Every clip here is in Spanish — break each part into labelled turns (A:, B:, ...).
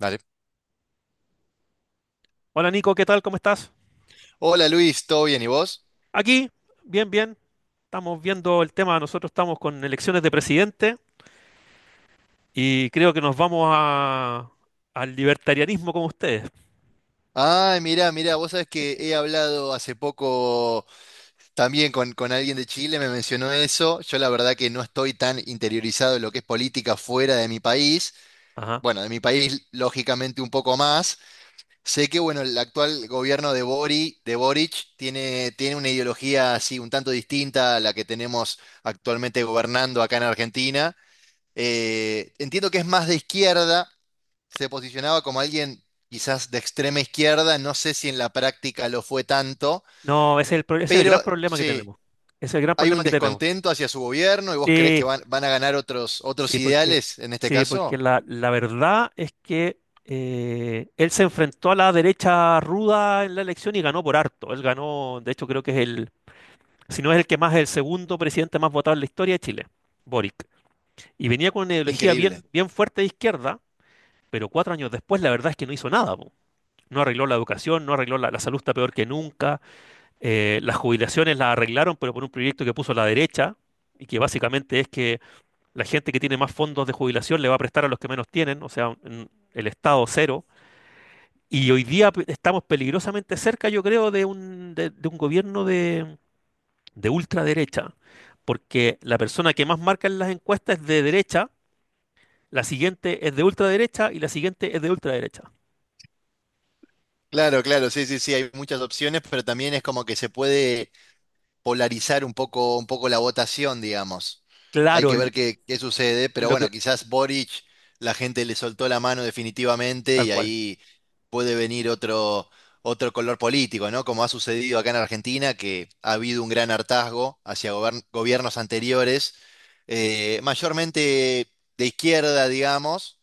A: Dale.
B: Hola Nico, ¿qué tal? ¿Cómo estás?
A: Hola Luis, ¿todo bien? ¿Y vos?
B: Aquí, bien, bien. Estamos viendo el tema, nosotros estamos con elecciones de presidente y creo que nos al libertarianismo como ustedes.
A: Ah, mira, mira, vos sabés que he hablado hace poco también con alguien de Chile, me mencionó eso. Yo la verdad que no estoy tan interiorizado en lo que es política fuera de mi país.
B: Ajá.
A: Bueno, de mi país lógicamente un poco más. Sé que bueno, el actual gobierno de Boric tiene una ideología así un tanto distinta a la que tenemos actualmente gobernando acá en Argentina. Entiendo que es más de izquierda. Se posicionaba como alguien quizás de extrema izquierda, no sé si en la práctica lo fue tanto,
B: No, ese es el gran
A: pero
B: problema que
A: sí,
B: tenemos. Ese es el gran
A: hay
B: problema
A: un
B: que tenemos.
A: descontento hacia su gobierno y vos creés que
B: Sí,
A: van a ganar otros
B: sí,
A: ideales en este
B: sí, porque
A: caso.
B: la verdad es que él se enfrentó a la derecha ruda en la elección y ganó por harto. Él ganó, de hecho creo que si no es el que más, es el segundo presidente más votado en la historia de Chile, Boric. Y venía con una ideología
A: Increíble.
B: bien, bien fuerte de izquierda, pero 4 años después la verdad es que no hizo nada. Po. No arregló la educación, no arregló la salud, está peor que nunca. Las jubilaciones las arreglaron, pero por un proyecto que puso la derecha, y que básicamente es que la gente que tiene más fondos de jubilación le va a prestar a los que menos tienen, o sea, el Estado cero. Y hoy día estamos peligrosamente cerca, yo creo, de un gobierno de ultraderecha, porque la persona que más marca en las encuestas es de derecha. La siguiente es de ultraderecha y la siguiente es de ultraderecha.
A: Claro, claro, sí, sí, sí, hay muchas opciones, pero también es como que se puede polarizar un poco la votación, digamos. Hay
B: Claro,
A: que ver qué sucede, pero
B: lo
A: bueno,
B: que,
A: quizás Boric, la gente le soltó la mano definitivamente
B: tal
A: y
B: cual.
A: ahí puede venir otro color político, ¿no? Como ha sucedido acá en Argentina, que ha habido un gran hartazgo hacia gobiernos anteriores, mayormente de izquierda, digamos.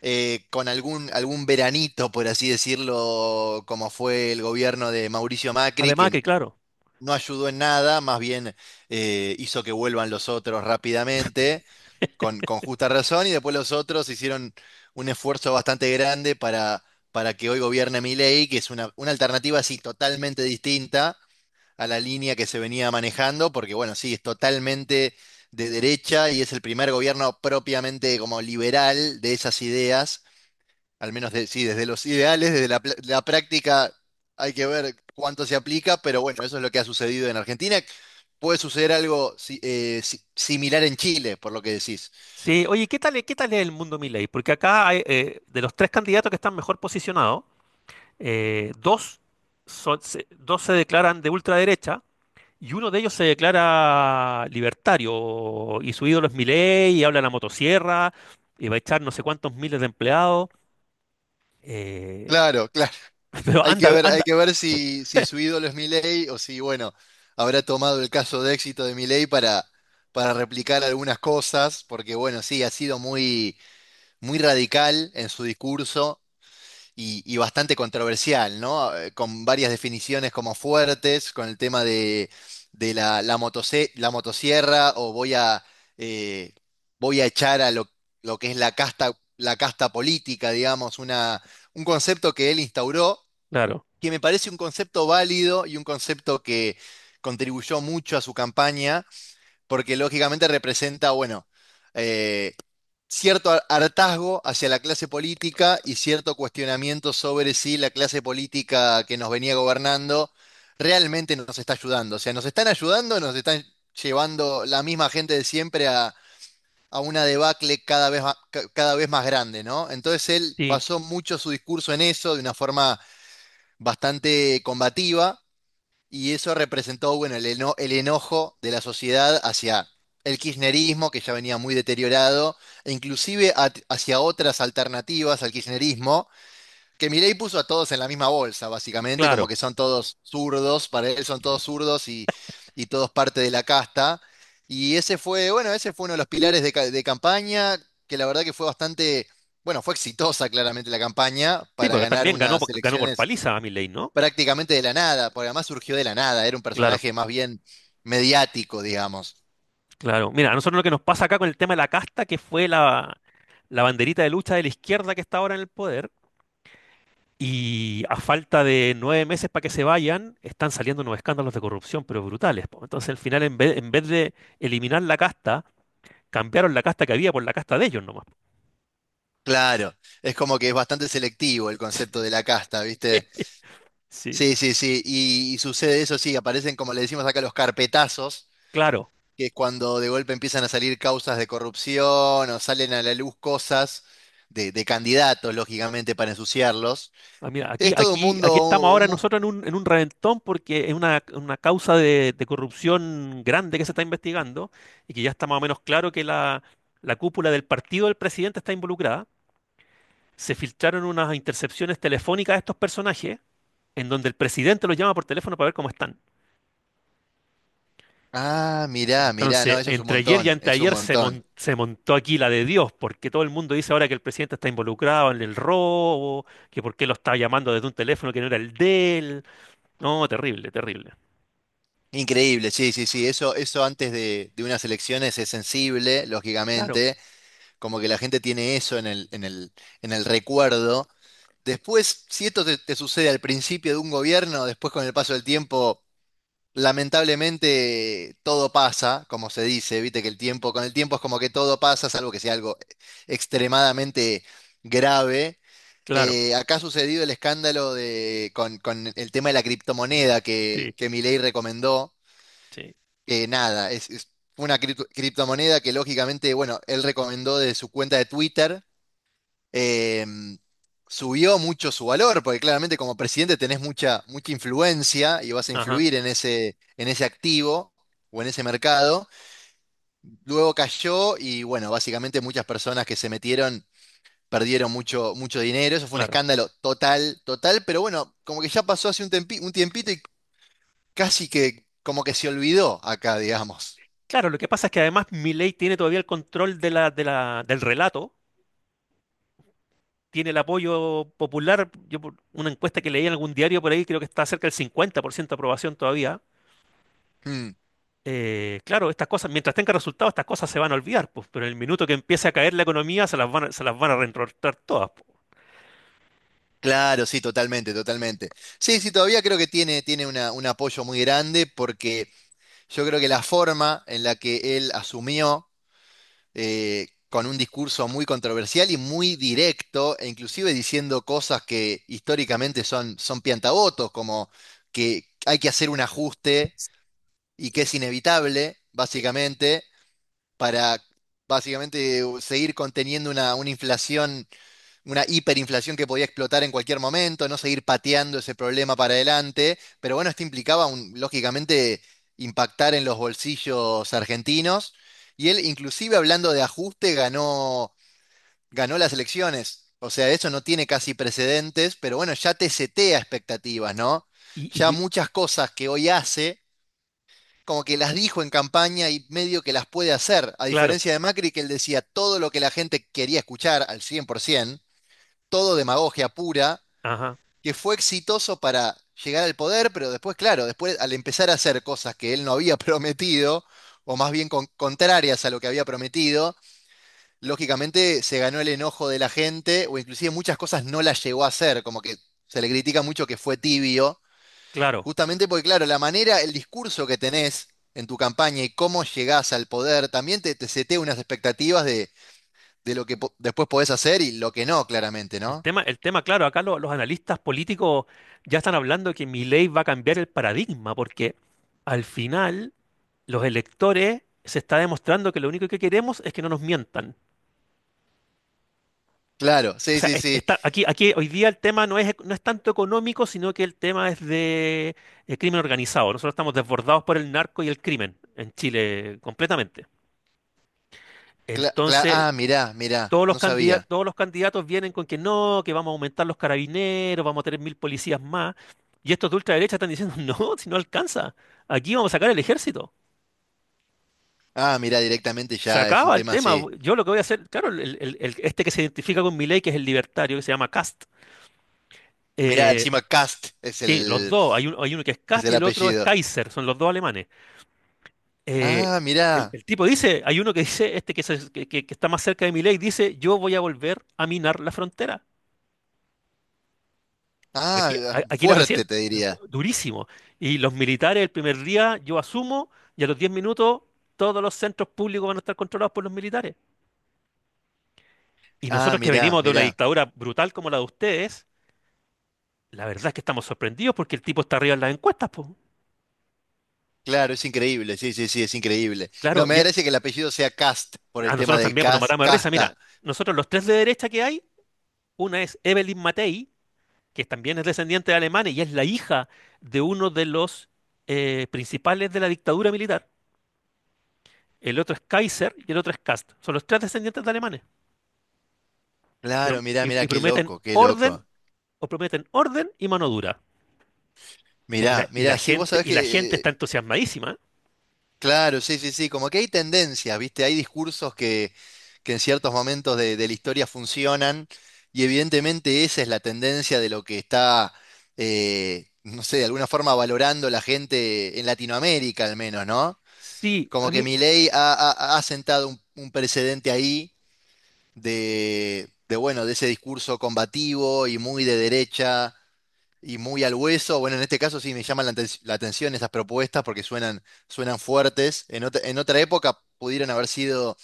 A: Con algún veranito, por así decirlo, como fue el gobierno de Mauricio Macri,
B: Además
A: que
B: que, claro.
A: no ayudó en nada, más bien hizo que vuelvan los otros rápidamente, con justa razón, y después los otros hicieron un esfuerzo bastante grande para que hoy gobierne Milei, que es una alternativa así totalmente distinta a la línea que se venía manejando, porque bueno, sí, es totalmente de derecha y es el primer gobierno propiamente como liberal de esas ideas al menos, sí, desde los ideales, desde la práctica hay que ver cuánto se aplica, pero bueno, eso es lo que ha sucedido en Argentina. Puede suceder algo similar en Chile, por lo que decís.
B: Sí, oye, ¿qué tal es el mundo Milei? Porque acá, de los tres candidatos que están mejor posicionados, eh, dos, dos se declaran de ultraderecha y uno de ellos se declara libertario. Y su ídolo es Milei y habla de la motosierra y va a echar no sé cuántos miles de empleados. eh,
A: Claro, claro.
B: pero
A: Hay que
B: anda,
A: ver, hay
B: anda,
A: que ver si su ídolo es Milei o si, bueno, habrá tomado el caso de éxito de Milei para replicar algunas cosas, porque bueno, sí, ha sido muy, muy radical en su discurso y bastante controversial, ¿no? Con varias definiciones como fuertes, con el tema de la motosierra o eh, voy a echar a lo que es la casta política, digamos, un concepto que él instauró,
B: claro.
A: que me parece un concepto válido y un concepto que contribuyó mucho a su campaña porque lógicamente representa, bueno, eh, cierto hartazgo hacia la clase política y cierto cuestionamiento sobre si la clase política que nos venía gobernando realmente nos está ayudando. O sea, nos están ayudando, o nos están llevando la misma gente de siempre a una debacle cada vez más, cada vez más grande, ¿no? Entonces él
B: Sí,
A: basó mucho su discurso en eso, de una forma bastante combativa. Y eso representó, bueno, el enojo de la sociedad hacia el kirchnerismo, que ya venía muy deteriorado, e inclusive hacia otras alternativas al kirchnerismo, que Milei puso a todos en la misma bolsa, básicamente, como
B: claro.
A: que son todos zurdos, para él son todos zurdos y todos parte de la casta. Y ese fue, bueno, ese fue uno de los pilares de campaña, que la verdad que fue bastante, bueno, fue exitosa claramente la campaña
B: Sí,
A: para
B: porque
A: ganar
B: también ganó,
A: unas
B: ganó por
A: elecciones
B: paliza a Milei, ¿no?
A: prácticamente de la nada, porque además surgió de la nada, era un
B: Claro,
A: personaje más bien mediático, digamos.
B: claro. Mira, a nosotros lo que nos pasa acá con el tema de la casta, que fue la banderita de lucha de la izquierda que está ahora en el poder, y a falta de 9 meses para que se vayan, están saliendo unos escándalos de corrupción, pero brutales. Po. Entonces, al final, en vez de eliminar la casta, cambiaron la casta que había por la casta de ellos nomás.
A: Claro, es como que es bastante selectivo el concepto de la casta,
B: Sí,
A: ¿viste?
B: sí,
A: Sí, sí, sí, y sucede eso, sí, aparecen como le decimos acá los carpetazos,
B: claro.
A: que es cuando de golpe empiezan a salir causas de corrupción o salen a la luz cosas de candidatos, lógicamente, para ensuciarlos.
B: Ah, mira, aquí,
A: Es todo un
B: aquí, aquí estamos
A: mundo... un
B: ahora
A: mu-
B: nosotros en un reventón porque es una causa de corrupción grande que se está investigando y que ya está más o menos claro que la cúpula del partido del presidente está involucrada. Se filtraron unas intercepciones telefónicas de estos personajes en donde el presidente los llama por teléfono para ver cómo están.
A: Ah, mirá, mirá, no,
B: Entonces,
A: eso es un
B: entre ayer y
A: montón, es un
B: anteayer se,
A: montón.
B: mon- se montó aquí la de Dios, porque todo el mundo dice ahora que el presidente está involucrado en el robo, que por qué lo está llamando desde un teléfono que no era el de él. No, terrible, terrible.
A: Increíble, sí, sí, sí. Eso antes de unas elecciones es sensible,
B: Claro,
A: lógicamente, como que la gente tiene eso en el recuerdo. Después, si esto te sucede al principio de un gobierno, después con el paso del tiempo, lamentablemente todo pasa, como se dice, viste que el tiempo, con el tiempo es como que todo pasa, salvo que sea algo extremadamente grave.
B: claro,
A: Acá ha sucedido el escándalo con el tema de la criptomoneda
B: sí,
A: que Milei recomendó,
B: sí,
A: que nada, es una criptomoneda que lógicamente, bueno, él recomendó de su cuenta de Twitter. eh, Subió mucho su valor, porque claramente como presidente tenés mucha influencia y vas a
B: ajá,
A: influir en en ese activo o en ese mercado. Luego cayó y bueno, básicamente muchas personas que se metieron perdieron mucho, mucho dinero. Eso fue un
B: claro.
A: escándalo total, total, pero bueno, como que ya pasó hace un tiempito y casi que como que se olvidó acá, digamos.
B: Claro, lo que pasa es que además Milei tiene todavía el control del relato, tiene el apoyo popular. Yo por una encuesta que leí en algún diario por ahí, creo que está cerca del 50% de aprobación todavía.
A: Hmm.
B: Claro, estas cosas, mientras tenga resultados, estas cosas se van a olvidar, pues, pero en el minuto que empiece a caer la economía, se las van a reentortar todas. Pues.
A: Claro, sí, totalmente, totalmente. Sí, sí, todavía creo que tiene un apoyo muy grande porque yo creo que la forma en la que él asumió, con un discurso muy controversial y muy directo, e inclusive diciendo cosas que históricamente son piantabotos, como que hay que hacer un ajuste y que es inevitable,
B: Eh,
A: básicamente, para básicamente seguir conteniendo una inflación, una hiperinflación que podía explotar en cualquier momento, no seguir pateando ese problema para adelante, pero bueno, esto implicaba lógicamente impactar en los bolsillos argentinos y él inclusive hablando de ajuste ganó las elecciones. O sea, eso no tiene casi precedentes, pero bueno, ya te setea expectativas, ¿no?
B: Y,
A: Ya
B: y
A: muchas cosas que hoy hace, como que las dijo en campaña y medio que las puede hacer, a
B: claro,
A: diferencia de Macri, que él decía todo lo que la gente quería escuchar al 100%, todo demagogia pura,
B: ajá,
A: que fue exitoso para llegar al poder, pero después, claro, después al empezar a hacer cosas que él no había prometido, o más bien contrarias a lo que había prometido, lógicamente se ganó el enojo de la gente, o inclusive muchas cosas no las llegó a hacer, como que se le critica mucho que fue tibio,
B: claro.
A: justamente porque, claro, la manera, el discurso que tenés en tu campaña y cómo llegás al poder, también te setea unas expectativas de lo que después podés hacer y lo que no, claramente,
B: El
A: ¿no?
B: tema, el tema, claro, acá los analistas políticos ya están hablando que mi ley va a cambiar el paradigma, porque al final los electores se está demostrando que lo único que queremos es que no nos mientan.
A: Claro,
B: O
A: sí,
B: sea,
A: sí,
B: es-
A: sí.
B: está, aquí, aquí hoy día el tema no es tanto económico, sino que el tema es de crimen organizado. Nosotros estamos desbordados por el narco y el crimen en Chile completamente. Entonces,
A: Ah, mirá, mirá,
B: Todos los
A: no
B: candidatos,
A: sabía.
B: todos los candidatos vienen con que no, que vamos a aumentar los carabineros, vamos a tener 1.000 policías más. Y estos de ultraderecha están diciendo, no, si no alcanza, aquí vamos a sacar el ejército.
A: Ah, mirá, directamente
B: Se
A: ya es un
B: acaba el
A: tema
B: tema.
A: así.
B: Yo lo que voy a hacer, claro, este que se identifica con Milei, que es el libertario, que se llama Kast.
A: Mirá,
B: eh,
A: encima Cast es
B: sí, los
A: el,
B: dos, hay uno que es
A: es
B: Kast y
A: el
B: el otro es
A: apellido.
B: Kaiser, son los dos alemanes. Eh,
A: Ah,
B: el,
A: mirá.
B: el tipo dice, hay uno que dice, este que, se- que está más cerca de Milei, dice, yo voy a volver a minar la frontera.
A: Ah,
B: Aquí,
A: ah,
B: aquí la
A: fuerte
B: presidenta,
A: te diría.
B: durísimo. Y los militares el primer día, yo asumo, y a los 10 minutos todos los centros públicos van a estar controlados por los militares. Y
A: Ah,
B: nosotros que
A: mirá,
B: venimos de una
A: mirá.
B: dictadura brutal como la de ustedes, la verdad es que estamos sorprendidos porque el tipo está arriba en las encuestas, pues.
A: Claro, es increíble, sí, sí, sí, es increíble. No,
B: Claro,
A: me
B: y a,
A: parece que el apellido sea Cast por el
B: a
A: tema
B: nosotros
A: de
B: también pues, nos
A: Cast,
B: matamos de risa. Mira,
A: Casta.
B: nosotros los tres de derecha que hay, una es Evelyn Matei, que también es descendiente de alemanes y es la hija de uno de los principales de la dictadura militar. El otro es Kaiser y el otro es Kast. Son los tres descendientes de alemanes.
A: Claro, mirá, mirá,
B: Y
A: qué
B: prometen
A: loco, qué
B: orden,
A: loco.
B: o prometen orden y mano dura.
A: Mirá, mirá, sí, vos sabés
B: Y la gente
A: que.
B: está entusiasmadísima.
A: Claro, sí, sí, sí, como que hay tendencias, ¿viste? Hay discursos que en ciertos momentos de la historia funcionan y evidentemente esa es la tendencia de lo que está, no sé, de alguna forma valorando la gente en Latinoamérica al menos, ¿no?
B: Sí,
A: Como
B: a
A: que
B: mí,
A: Milei ha sentado un precedente ahí bueno, de ese discurso combativo y muy de derecha y muy al hueso. Bueno, en este caso sí me llaman la atención esas propuestas porque suenan fuertes. En otra época pudieron haber sido,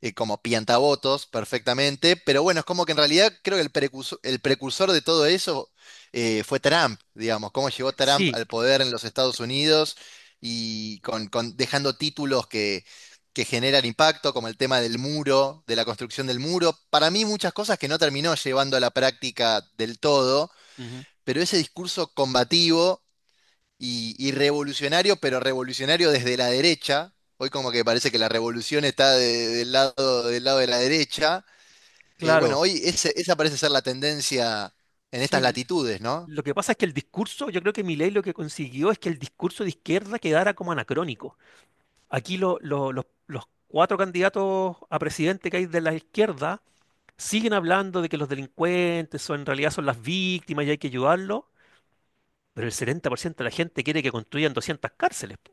A: como piantavotos perfectamente, pero bueno, es como que en realidad creo que el precursor de todo eso, fue Trump, digamos, cómo llegó Trump
B: sí,
A: al poder en los Estados Unidos y dejando títulos que generan impacto, como el tema del muro, de la construcción del muro. Para mí muchas cosas que no terminó llevando a la práctica del todo,
B: ujú,
A: pero ese discurso combativo y revolucionario, pero revolucionario desde la derecha, hoy como que parece que la revolución está del lado de la derecha, bueno,
B: claro,
A: hoy esa parece ser la tendencia en
B: sí.
A: estas latitudes, ¿no?
B: Lo que pasa es que el discurso, yo creo que Milei lo que consiguió es que el discurso de izquierda quedara como anacrónico. Aquí los 4 candidatos a presidente que hay de la izquierda siguen hablando de que los delincuentes son, en realidad son las víctimas y hay que ayudarlos. Pero el 70% de la gente quiere que construyan 200 cárceles. Po.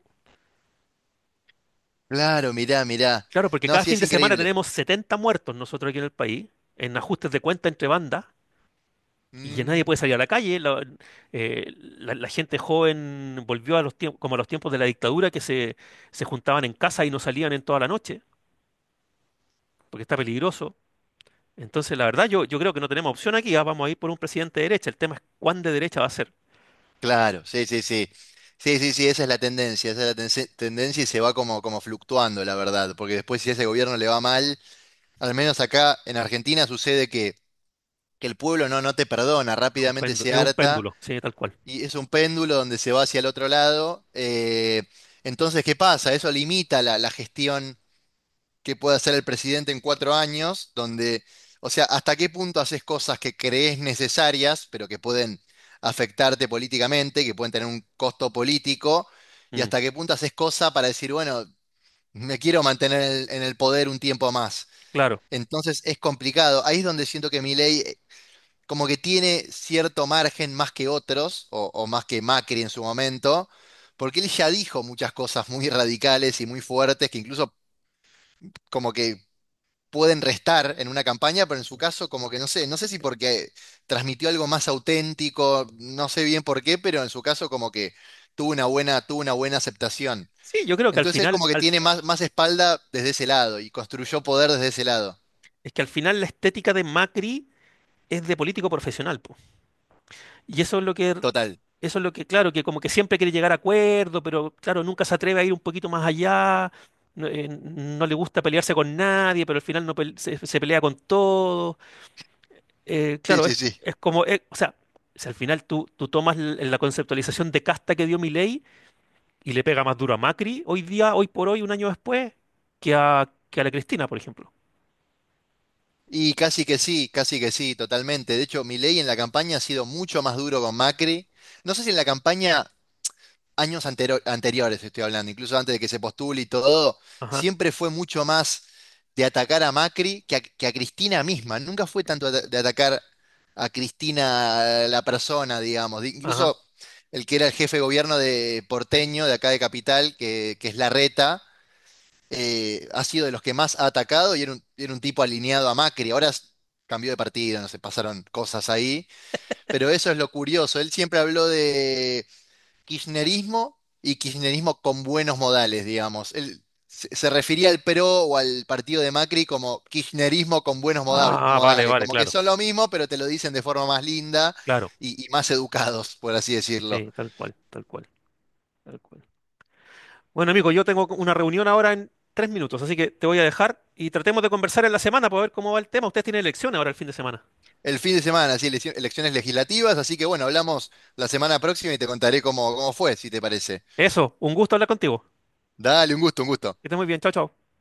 A: Claro, mirá, mirá.
B: Claro, porque
A: No,
B: cada
A: sí,
B: fin
A: es
B: de semana
A: increíble.
B: tenemos 70 muertos nosotros aquí en el país, en ajustes de cuenta entre bandas, y ya nadie
A: Mm,
B: puede salir a la calle. La gente joven volvió a los tiempos, como a los tiempos de la dictadura, que se juntaban en casa y no salían en toda la noche, porque está peligroso. Entonces, la verdad, yo creo que no tenemos opción aquí. Vamos a ir por un presidente de derecha. El tema es cuán de derecha va a ser.
A: claro, sí, sí, sí. Sí, sí, sí, esa es la tendencia, esa es la tendencia y se va como fluctuando, la verdad, porque después si a ese gobierno le va mal, al menos acá en Argentina sucede que el pueblo no, no te perdona, rápidamente se
B: Es un
A: harta
B: péndulo, sí, tal cual.
A: y es un péndulo donde se va hacia el otro lado. Entonces, ¿qué pasa? Eso limita la gestión que puede hacer el presidente en 4 años, donde, o sea, ¿hasta qué punto haces cosas que crees necesarias, pero que pueden afectarte políticamente, que pueden tener un costo político? ¿Y
B: Mm,
A: hasta qué punto haces cosas para decir, bueno, me quiero mantener en el poder un tiempo más?
B: claro.
A: Entonces es complicado. Ahí es donde siento que mi ley, como que tiene cierto margen más que otros, o más que Macri en su momento, porque él ya dijo muchas cosas muy radicales y muy fuertes que incluso como que pueden restar en una campaña, pero en su caso como que no sé, no sé si porque transmitió algo más auténtico, no sé bien por qué, pero en su caso como que tuvo una buena aceptación.
B: Sí, yo creo que al
A: Entonces él
B: final,
A: como que tiene más espalda desde ese lado y construyó poder desde ese lado.
B: es que al final la estética de Macri es de político profesional, po. Y eso es lo que,
A: Total.
B: claro, que como que siempre quiere llegar a acuerdo, pero claro, nunca se atreve a ir un poquito más allá. No, no le gusta pelearse con nadie, pero al final no pel- se pelea con todo.
A: Sí,
B: Claro,
A: sí,
B: es,
A: sí.
B: es como, o sea, si al final tú tomas la conceptualización de casta que dio Milei y le pega más duro a Macri hoy día, hoy por hoy, un año después, que a la Cristina, por ejemplo.
A: Y casi que sí, totalmente. De hecho, Milei en la campaña ha sido mucho más duro con Macri. No sé si en la campaña, años anteriores estoy hablando, incluso antes de que se postule y todo,
B: Ajá,
A: siempre fue mucho más de atacar a Macri que a Cristina misma. Nunca fue tanto de atacar a Cristina, la persona, digamos.
B: ajá.
A: Incluso el que era el jefe de gobierno de porteño, de acá de Capital, que es Larreta, ha sido de los que más ha atacado y era un tipo alineado a Macri. Ahora cambió de partido, no sé, pasaron cosas ahí, pero eso es lo curioso. Él siempre habló de kirchnerismo y kirchnerismo con buenos modales, digamos. Él se refería al PRO o al partido de Macri como kirchnerismo con buenos modal-
B: Ah, vale,
A: modales,
B: vale,
A: como que
B: claro,
A: son lo mismo, pero te lo dicen de forma más linda
B: claro.
A: y más educados, por así decirlo.
B: Sí, tal cual, tal cual, tal cual. Bueno, amigo, yo tengo una reunión ahora en 3 minutos, así que te voy a dejar y tratemos de conversar en la semana para ver cómo va el tema. Ustedes tienen elección ahora el fin de semana.
A: El fin de semana, sí, elecciones legislativas, así que bueno, hablamos la semana próxima y te contaré cómo fue, si te parece.
B: Eso, un gusto hablar contigo.
A: Dale, un gusto, un gusto.
B: Que estés muy bien, chao, chao.